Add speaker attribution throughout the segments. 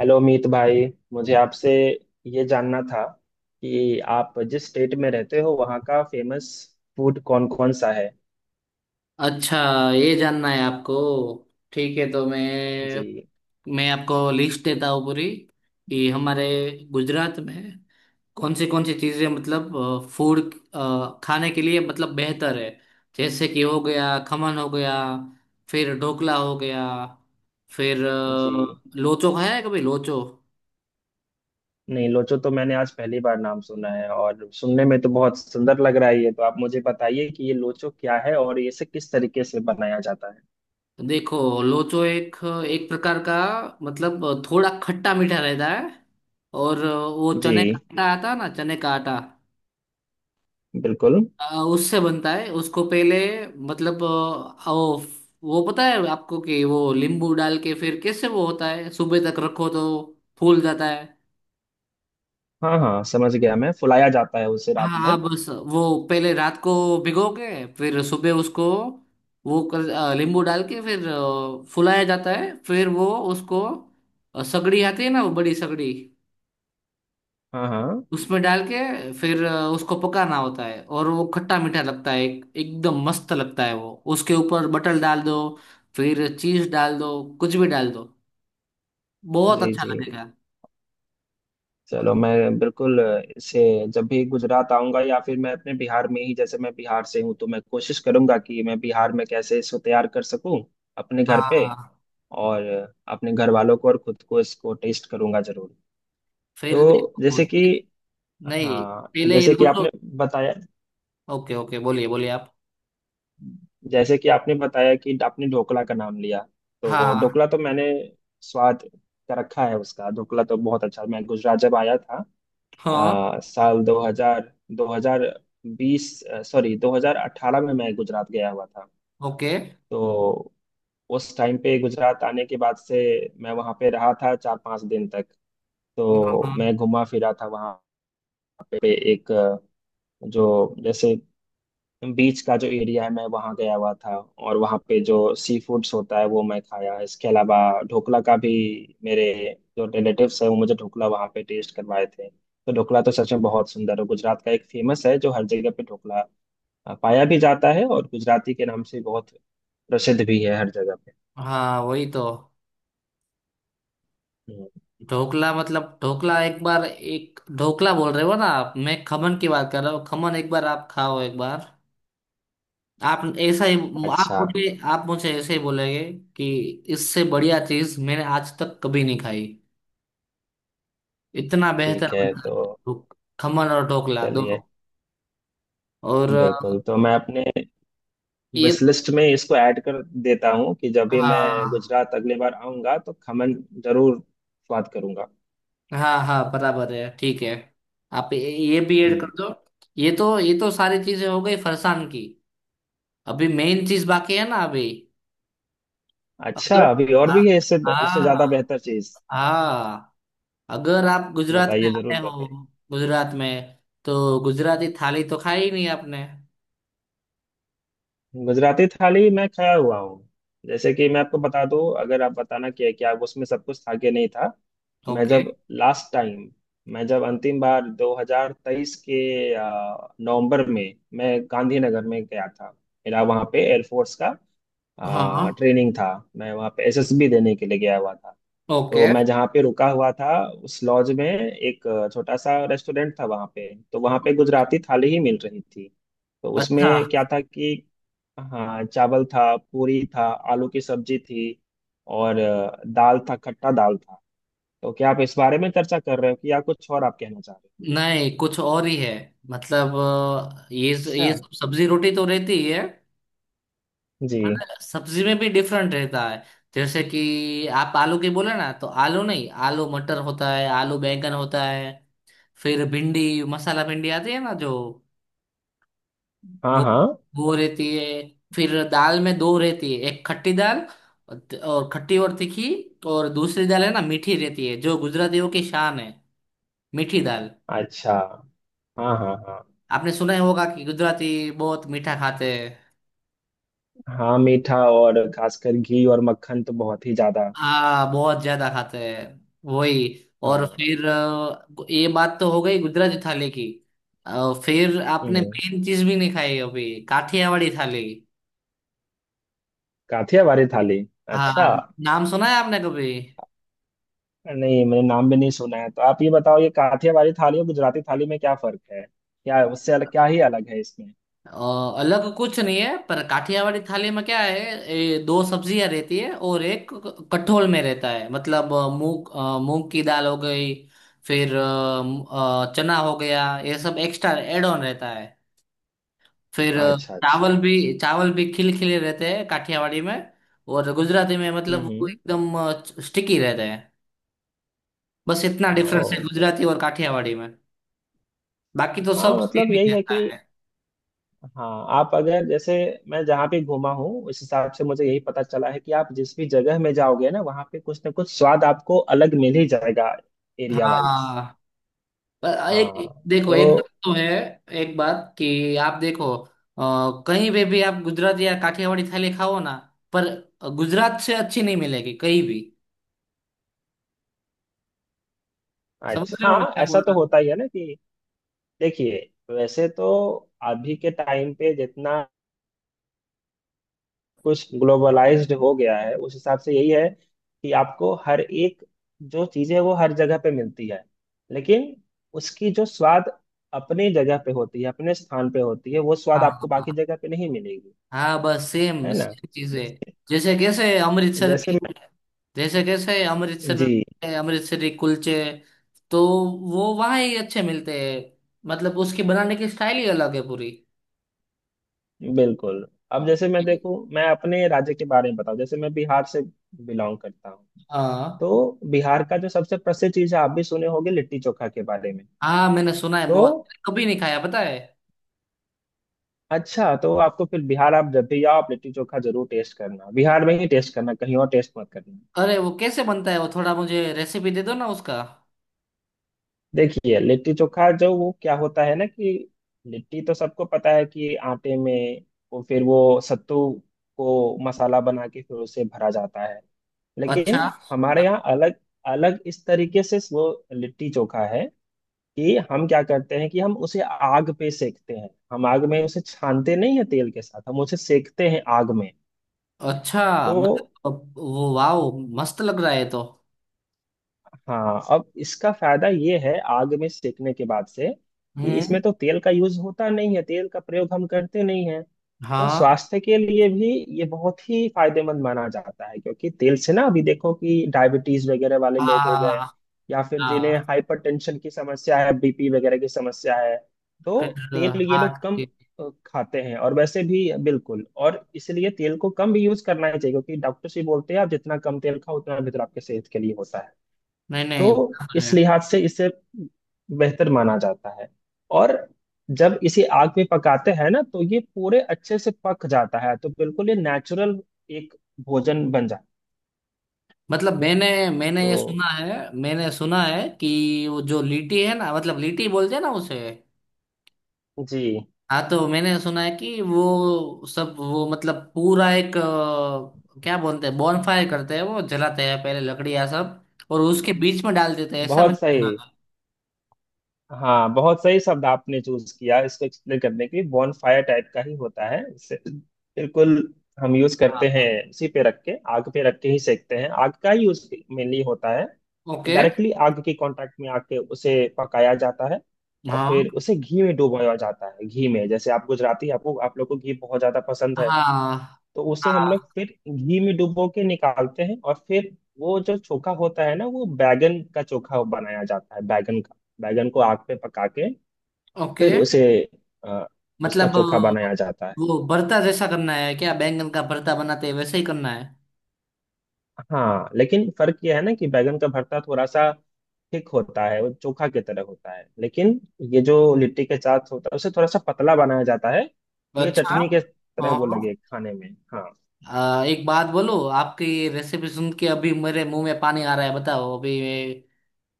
Speaker 1: Hello Meet भाई। मुझे आपसे ये जानना था कि आप जिस स्टेट में रहते हो वहाँ का फेमस फूड कौन कौन सा है।
Speaker 2: अच्छा, ये जानना है आपको। ठीक है, तो मैं
Speaker 1: जी
Speaker 2: मैं आपको लिस्ट देता हूँ पूरी कि हमारे गुजरात में कौन सी चीज़ें मतलब फूड खाने के लिए मतलब बेहतर है। जैसे कि हो गया खमन, हो गया फिर ढोकला, हो गया फिर
Speaker 1: जी,
Speaker 2: लोचो। खाया है कभी लोचो?
Speaker 1: नहीं, लोचो तो मैंने आज पहली बार नाम सुना है और सुनने में तो बहुत सुंदर लग रहा है। ये तो आप मुझे बताइए कि ये लोचो क्या है और इसे किस तरीके से बनाया जाता है।
Speaker 2: देखो, लोचो एक एक प्रकार का, मतलब थोड़ा खट्टा मीठा रहता है। और वो
Speaker 1: जी।
Speaker 2: चने का आटा आता है ना, चने का आटा।
Speaker 1: बिल्कुल।
Speaker 2: उससे बनता है, उसको पहले मतलब वो पता है आपको, कि वो नींबू डाल के फिर कैसे वो होता है, सुबह तक रखो तो फूल जाता है।
Speaker 1: हाँ हाँ, समझ गया मैं। फुलाया जाता है उसे रात
Speaker 2: हाँ, हाँ,
Speaker 1: भर।
Speaker 2: बस। वो पहले रात को भिगो के फिर सुबह उसको वो कर नींबू डाल के फिर फुलाया जाता है। फिर वो उसको सगड़ी आती है ना, वो बड़ी सगड़ी
Speaker 1: हाँ हाँ।
Speaker 2: उसमें डाल के फिर उसको पकाना होता है। और वो खट्टा मीठा लगता है, एकदम मस्त लगता है। वो उसके ऊपर बटर डाल दो, फिर चीज डाल दो, कुछ भी डाल दो, बहुत
Speaker 1: जी
Speaker 2: अच्छा
Speaker 1: जी।
Speaker 2: लगेगा।
Speaker 1: चलो, मैं बिल्कुल इसे, जब भी गुजरात आऊंगा या फिर मैं अपने बिहार में ही, जैसे मैं बिहार से हूँ, तो मैं कोशिश करूंगा कि मैं बिहार में कैसे इसको तैयार कर सकूं, अपने घर पे।
Speaker 2: हाँ,
Speaker 1: और अपने घर वालों को और खुद को इसको टेस्ट करूंगा जरूर।
Speaker 2: फिर
Speaker 1: तो
Speaker 2: देखो
Speaker 1: जैसे कि,
Speaker 2: नहीं,
Speaker 1: हाँ,
Speaker 2: पहले ये लूचो।
Speaker 1: बताया
Speaker 2: ओके, ओके, बोलिए, बोलिए आप।
Speaker 1: जैसे कि आपने बताया कि आपने ढोकला का नाम लिया। तो
Speaker 2: हाँ,
Speaker 1: ढोकला तो मैंने स्वाद का रखा है उसका। ढोकला तो बहुत अच्छा। मैं गुजरात जब आया था
Speaker 2: हाँ,
Speaker 1: साल 2000, 2020, सॉरी, 2018 में मैं गुजरात गया हुआ था।
Speaker 2: ओके।
Speaker 1: तो उस टाइम पे गुजरात आने के बाद से मैं वहाँ पे रहा था 4-5 दिन तक। तो
Speaker 2: हाँ,
Speaker 1: मैं घुमा फिरा था वहाँ पे। एक जो जैसे बीच का जो एरिया है, मैं वहाँ गया हुआ था और वहाँ पे जो सी फूड्स होता है वो मैं खाया। इसके अलावा ढोकला का भी, मेरे जो रिलेटिव्स है वो मुझे ढोकला वहाँ पे टेस्ट करवाए थे। तो ढोकला तो सच में बहुत सुंदर है। गुजरात का एक फेमस है जो हर जगह पे ढोकला पाया भी जाता है और गुजराती के नाम से बहुत प्रसिद्ध भी है हर जगह पे।
Speaker 2: हाँ, वही तो।
Speaker 1: हम्म।
Speaker 2: ढोकला, मतलब ढोकला एक बार, एक ढोकला बोल रहे हो ना आप, मैं खमन की बात कर रहा हूँ। खमन एक बार आप खाओ, एक बार। आप ऐसा ही आप
Speaker 1: अच्छा।
Speaker 2: मुझे आप मुझे ऐसे ही बोलेंगे कि इससे बढ़िया चीज मैंने आज तक कभी नहीं खाई। इतना बेहतर
Speaker 1: ठीक है।
Speaker 2: बनता
Speaker 1: तो
Speaker 2: है खमन और ढोकला
Speaker 1: चलिए,
Speaker 2: दोनों। और
Speaker 1: बिल्कुल, तो मैं अपने
Speaker 2: ये
Speaker 1: विश
Speaker 2: तो।
Speaker 1: लिस्ट में इसको ऐड कर देता हूँ कि जब भी मैं
Speaker 2: हाँ,
Speaker 1: गुजरात अगली बार आऊंगा तो खमन जरूर स्वाद करूंगा।
Speaker 2: हाँ, हाँ, बराबर है, ठीक है। आप ये भी ऐड कर
Speaker 1: हम्म।
Speaker 2: दो। ये तो सारी चीजें हो गई फरसान की। अभी मेन चीज बाकी है ना, अभी।
Speaker 1: अच्छा,
Speaker 2: अगर,
Speaker 1: अभी और
Speaker 2: हाँ,
Speaker 1: भी है इससे? इससे ज्यादा
Speaker 2: हाँ,
Speaker 1: बेहतर चीज
Speaker 2: हाँ, अगर आप गुजरात में
Speaker 1: बताइए, जरूर
Speaker 2: आए हो,
Speaker 1: बताइए।
Speaker 2: गुजरात में तो गुजराती थाली तो खाई ही नहीं आपने।
Speaker 1: गुजराती थाली मैं खाया हुआ हूँ। जैसे कि मैं आपको बता दूं, अगर आप बताना कि है कि आप उसमें सब कुछ था कि नहीं था। मैं
Speaker 2: ओके।
Speaker 1: जब लास्ट टाइम मैं जब अंतिम बार 2023 के नवंबर में मैं गांधीनगर में गया था। मेरा वहाँ पे एयरफोर्स का
Speaker 2: हाँ,
Speaker 1: ट्रेनिंग था। मैं वहाँ पे एसएसबी देने के लिए गया हुआ था। तो
Speaker 2: ओके।
Speaker 1: मैं जहाँ पे रुका हुआ था, उस लॉज में एक छोटा सा रेस्टोरेंट था वहाँ पे। तो वहाँ पे गुजराती थाली ही मिल रही थी। तो
Speaker 2: अच्छा,
Speaker 1: उसमें क्या था कि, हाँ, चावल था, पूरी था, आलू की सब्जी थी, और दाल था, खट्टा दाल था। तो क्या आप इस बारे में चर्चा कर रहे हो, कि या कुछ और आप कहना चाह रहे हो?
Speaker 2: नहीं कुछ और ही है, मतलब अ, ये
Speaker 1: अच्छा।
Speaker 2: ये सब सब्जी रोटी तो रहती ही है।
Speaker 1: जी।
Speaker 2: पर सब्जी में भी डिफरेंट रहता है। जैसे कि आप आलू की बोले ना, तो आलू नहीं, आलू मटर होता है, आलू बैंगन होता है। फिर भिंडी, मसाला भिंडी आती है ना जो,
Speaker 1: हाँ
Speaker 2: वो
Speaker 1: हाँ।
Speaker 2: वो रहती है। फिर दाल में दो रहती है, एक खट्टी दाल, और खट्टी और तीखी, और दूसरी दाल है ना, मीठी रहती है, जो गुजरातियों की शान है, मीठी दाल।
Speaker 1: अच्छा। हाँ हाँ हाँ।
Speaker 2: आपने सुना ही होगा कि गुजराती बहुत मीठा खाते हैं।
Speaker 1: हाँ, मीठा और खासकर घी और मक्खन तो बहुत ही ज्यादा।
Speaker 2: हाँ, बहुत ज्यादा खाते हैं, वही। और
Speaker 1: हाँ।
Speaker 2: फिर ये बात तो हो गई गुजराती थाली की। फिर आपने
Speaker 1: हम्म।
Speaker 2: मेन चीज भी नहीं खाई अभी, काठियावाड़ी थाली।
Speaker 1: काठियावाड़ी थाली। अच्छा,
Speaker 2: हाँ। नाम सुना है आपने कभी?
Speaker 1: नहीं, मैंने नाम भी नहीं सुना है। तो आप ये बताओ, ये काठियावाड़ी थाली और गुजराती थाली में क्या फर्क है? क्या उससे अलग, क्या ही अलग है इसमें?
Speaker 2: अ, अलग कुछ नहीं है, पर काठियावाड़ी थाली में क्या है, दो सब्जियां रहती है और एक कठोल में रहता है, मतलब मूंग की दाल हो गई। फिर चना हो गया, ये सब एक्स्ट्रा एड ऑन रहता है। फिर
Speaker 1: अच्छा अच्छा।
Speaker 2: चावल भी चावल भी खिलखिले रहते हैं काठियावाड़ी में। और गुजराती में मतलब वो
Speaker 1: हम्म।
Speaker 2: एकदम स्टिकी रहते हैं। बस इतना
Speaker 1: ओ।
Speaker 2: डिफरेंस है गुजराती और काठियावाड़ी में। बाकी तो
Speaker 1: हाँ,
Speaker 2: सब सेम
Speaker 1: मतलब
Speaker 2: ही
Speaker 1: यही है
Speaker 2: रहता
Speaker 1: कि,
Speaker 2: है।
Speaker 1: हाँ, आप अगर, जैसे मैं जहाँ पे घूमा हूँ उस हिसाब से मुझे यही पता चला है कि आप जिस भी जगह में जाओगे ना वहाँ पे कुछ ना कुछ स्वाद आपको अलग मिल ही जाएगा। Area wise.
Speaker 2: हाँ, पर
Speaker 1: हाँ
Speaker 2: एक, देखो, एक बात
Speaker 1: तो,
Speaker 2: तो है, एक बात कि आप देखो कहीं पे भी आप गुजराती या काठियावाड़ी थाली खाओ ना, पर गुजरात से अच्छी नहीं मिलेगी कहीं भी। समझ रहे
Speaker 1: अच्छा,
Speaker 2: हो मैं
Speaker 1: हाँ,
Speaker 2: क्या बोल
Speaker 1: ऐसा तो
Speaker 2: रहा हूँ?
Speaker 1: होता ही है ना कि, देखिए, वैसे तो अभी के टाइम पे जितना कुछ ग्लोबलाइज्ड हो गया है उस हिसाब से यही है कि आपको हर एक जो चीज़ है वो हर जगह पे मिलती है। लेकिन उसकी जो स्वाद अपनी जगह पे होती है, अपने स्थान पे होती है, वो स्वाद
Speaker 2: हाँ,
Speaker 1: आपको
Speaker 2: हाँ,
Speaker 1: बाकी जगह पे नहीं मिलेगी।
Speaker 2: हाँ, बस सेम
Speaker 1: है ना?
Speaker 2: सेम चीजें। जैसे कैसे अमृतसर
Speaker 1: जैसे
Speaker 2: की
Speaker 1: मैं,
Speaker 2: जैसे कैसे अमृतसर
Speaker 1: जी,
Speaker 2: में अमृतसरी कुलचे, तो वो वहाँ ही अच्छे मिलते हैं, मतलब उसकी बनाने की स्टाइल ही अलग है पूरी।
Speaker 1: बिल्कुल, अब जैसे मैं देखूं, मैं अपने राज्य के बारे में बताऊं, जैसे मैं बिहार से बिलोंग करता हूँ।
Speaker 2: हाँ,
Speaker 1: तो बिहार का जो सबसे प्रसिद्ध चीज है, आप भी सुने होंगे, लिट्टी चोखा के बारे में।
Speaker 2: हाँ, मैंने सुना है
Speaker 1: तो,
Speaker 2: बहुत, कभी नहीं खाया पता है।
Speaker 1: अच्छा, तो आपको फिर बिहार, आप जब भी आओ, आप लिट्टी चोखा जरूर टेस्ट करना। बिहार में ही टेस्ट करना, कहीं और टेस्ट मत करना।
Speaker 2: अरे वो कैसे बनता है, वो थोड़ा मुझे रेसिपी दे दो ना उसका।
Speaker 1: देखिए, लिट्टी चोखा जो, वो क्या होता है ना कि, लिट्टी तो सबको पता है कि आटे में वो, फिर वो सत्तू को मसाला बना के फिर उसे भरा जाता है।
Speaker 2: अच्छा,
Speaker 1: लेकिन हमारे यहाँ अलग अलग इस तरीके से वो लिट्टी चोखा है कि हम क्या करते हैं कि हम उसे आग पे सेकते हैं। हम आग में उसे छानते नहीं है तेल के साथ, हम उसे सेकते हैं आग में।
Speaker 2: अच्छा,
Speaker 1: तो,
Speaker 2: मतलब वो, वाओ, मस्त लग रहा है तो।
Speaker 1: हाँ, अब इसका फायदा ये है आग में सेकने के बाद से कि
Speaker 2: हम्म।
Speaker 1: इसमें तो तेल का यूज होता नहीं है, तेल का प्रयोग हम करते नहीं है। तो
Speaker 2: हाँ,
Speaker 1: स्वास्थ्य के लिए भी ये बहुत ही फायदेमंद माना जाता है क्योंकि तेल से ना, अभी देखो कि डायबिटीज वगैरह वाले लोग हो
Speaker 2: हाँ,
Speaker 1: गए या फिर जिन्हें
Speaker 2: हाँ।
Speaker 1: हाइपरटेंशन की समस्या है, बीपी वगैरह की समस्या है, तो
Speaker 2: फिर
Speaker 1: तेल ये
Speaker 2: हाँ।
Speaker 1: लोग कम
Speaker 2: ठीक।
Speaker 1: खाते हैं। और वैसे भी बिल्कुल, और इसलिए तेल को कम भी यूज करना ही चाहिए क्योंकि डॉक्टर से बोलते हैं, आप जितना कम तेल खाओ उतना बेहतर आपके सेहत के लिए होता है।
Speaker 2: नहीं, नहीं,
Speaker 1: तो
Speaker 2: बराबर
Speaker 1: इस
Speaker 2: है।
Speaker 1: लिहाज से इसे बेहतर माना जाता है। और जब इसे आग में पकाते हैं ना तो ये पूरे अच्छे से पक जाता है, तो बिल्कुल ये नेचुरल एक भोजन बन जाता है।
Speaker 2: मतलब मैंने मैंने
Speaker 1: तो,
Speaker 2: ये सुना है, मैंने सुना है कि वो जो लीटी है ना, मतलब लीटी बोलते हैं ना उसे।
Speaker 1: जी,
Speaker 2: हाँ, तो मैंने सुना है कि वो सब, वो मतलब पूरा एक क्या बोलते हैं, बॉनफायर करते हैं, वो जलाते हैं पहले लकड़ियाँ सब। और उसके बीच में डाल देते हैं, ऐसा
Speaker 1: बहुत
Speaker 2: मैंने सुना
Speaker 1: सही।
Speaker 2: था।
Speaker 1: हाँ, बहुत सही शब्द आपने चूज किया इसको एक्सप्लेन करने के लिए। बॉन फायर टाइप का ही होता है इसे, बिल्कुल हम यूज करते
Speaker 2: हाँ,
Speaker 1: हैं। उसी पे रख के, आग पे रख के ही सेकते हैं। आग का ही यूज मेनली होता है, तो
Speaker 2: ओके।
Speaker 1: डायरेक्टली आग के कांटेक्ट में आके उसे पकाया जाता है। और फिर
Speaker 2: हाँ,
Speaker 1: उसे घी में डुबोया जाता है। घी में, जैसे आप गुजराती हैं, आपको आप लोग को घी बहुत ज्यादा पसंद है,
Speaker 2: हाँ,
Speaker 1: तो उसे हम लोग
Speaker 2: हाँ,
Speaker 1: फिर घी में डुबो के निकालते हैं। और फिर वो जो चोखा होता है ना, वो बैगन का चोखा बनाया जाता है। बैगन का, बैगन को आग पे पका के,
Speaker 2: ओके।
Speaker 1: फिर अ, उसका
Speaker 2: मतलब
Speaker 1: चोखा बनाया जाता है।
Speaker 2: वो भरता जैसा करना है क्या, बैंगन का भरता बनाते हैं वैसे ही करना है?
Speaker 1: हाँ, लेकिन फर्क यह है ना कि बैगन का भरता थोड़ा सा थिक होता है, वो चोखा की तरह होता है। लेकिन ये जो लिट्टी के साथ होता है, उसे थोड़ा सा पतला बनाया जाता है, ये
Speaker 2: अच्छा,
Speaker 1: चटनी के तरह
Speaker 2: हाँ।
Speaker 1: वो लगे खाने में। हाँ।
Speaker 2: एक बात बोलो, आपकी रेसिपी सुन के अभी मेरे मुंह में पानी आ रहा है, बताओ अभी।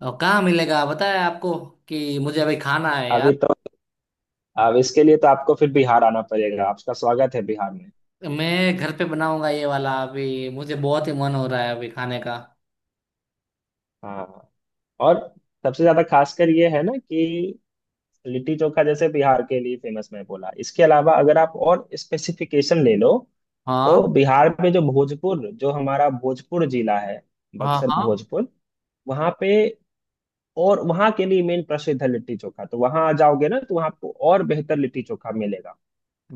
Speaker 2: और कहाँ मिलेगा पता है आपको, कि मुझे अभी खाना है
Speaker 1: अभी
Speaker 2: यार।
Speaker 1: तो, अब इसके लिए तो आपको फिर बिहार आना पड़ेगा। आपका स्वागत है बिहार में।
Speaker 2: मैं घर पे बनाऊंगा ये वाला, अभी मुझे बहुत ही मन हो रहा है अभी खाने का।
Speaker 1: हाँ। और सबसे ज्यादा खासकर ये है ना कि लिट्टी चोखा जैसे बिहार के लिए फेमस मैं बोला, इसके अलावा अगर आप और स्पेसिफिकेशन ले लो, तो
Speaker 2: हाँ,
Speaker 1: बिहार में जो भोजपुर, जो हमारा भोजपुर जिला है,
Speaker 2: हाँ,
Speaker 1: बक्सर,
Speaker 2: हाँ।
Speaker 1: भोजपुर, वहाँ पे, और वहाँ के लिए मेन प्रसिद्ध है लिट्टी चोखा। तो वहाँ आ जाओगे ना तो वहाँ आपको और बेहतर लिट्टी चोखा मिलेगा,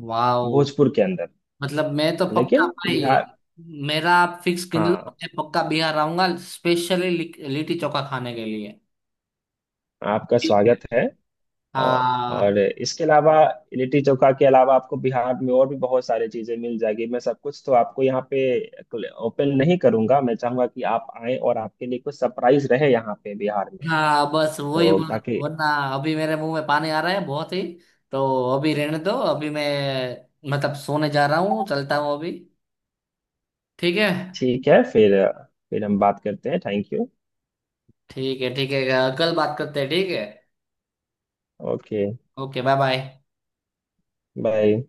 Speaker 2: वाओ।
Speaker 1: भोजपुर के अंदर।
Speaker 2: मतलब मैं तो पक्का
Speaker 1: लेकिन बिहार,
Speaker 2: भाई, मेरा आप फिक्स गिन लो,
Speaker 1: हाँ,
Speaker 2: मैं पक्का बिहार आऊंगा, स्पेशली लिट्टी चोखा खाने के लिए।
Speaker 1: आपका
Speaker 2: ठीक है।
Speaker 1: स्वागत है। और
Speaker 2: हाँ,
Speaker 1: और इसके अलावा, लिट्टी चोखा के अलावा आपको बिहार में और भी बहुत सारी चीजें मिल जाएगी। मैं सब कुछ तो आपको यहाँ पे ओपन नहीं करूंगा। मैं चाहूंगा कि आप आए और आपके लिए कुछ सरप्राइज रहे यहाँ पे बिहार में।
Speaker 2: हाँ, बस वही
Speaker 1: तो,
Speaker 2: बोल रहा हूँ,
Speaker 1: ताकि,
Speaker 2: वरना अभी मेरे मुंह में पानी आ रहा है बहुत ही, तो अभी रहने दो। अभी मैं मतलब सोने जा रहा हूँ, चलता हूँ अभी। ठीक है,
Speaker 1: ठीक है। फिर हम बात करते हैं। Thank you.
Speaker 2: ठीक है। ठीक है, कल बात करते हैं, ठीक है।
Speaker 1: Okay.
Speaker 2: Okay. Bye, bye.
Speaker 1: Bye.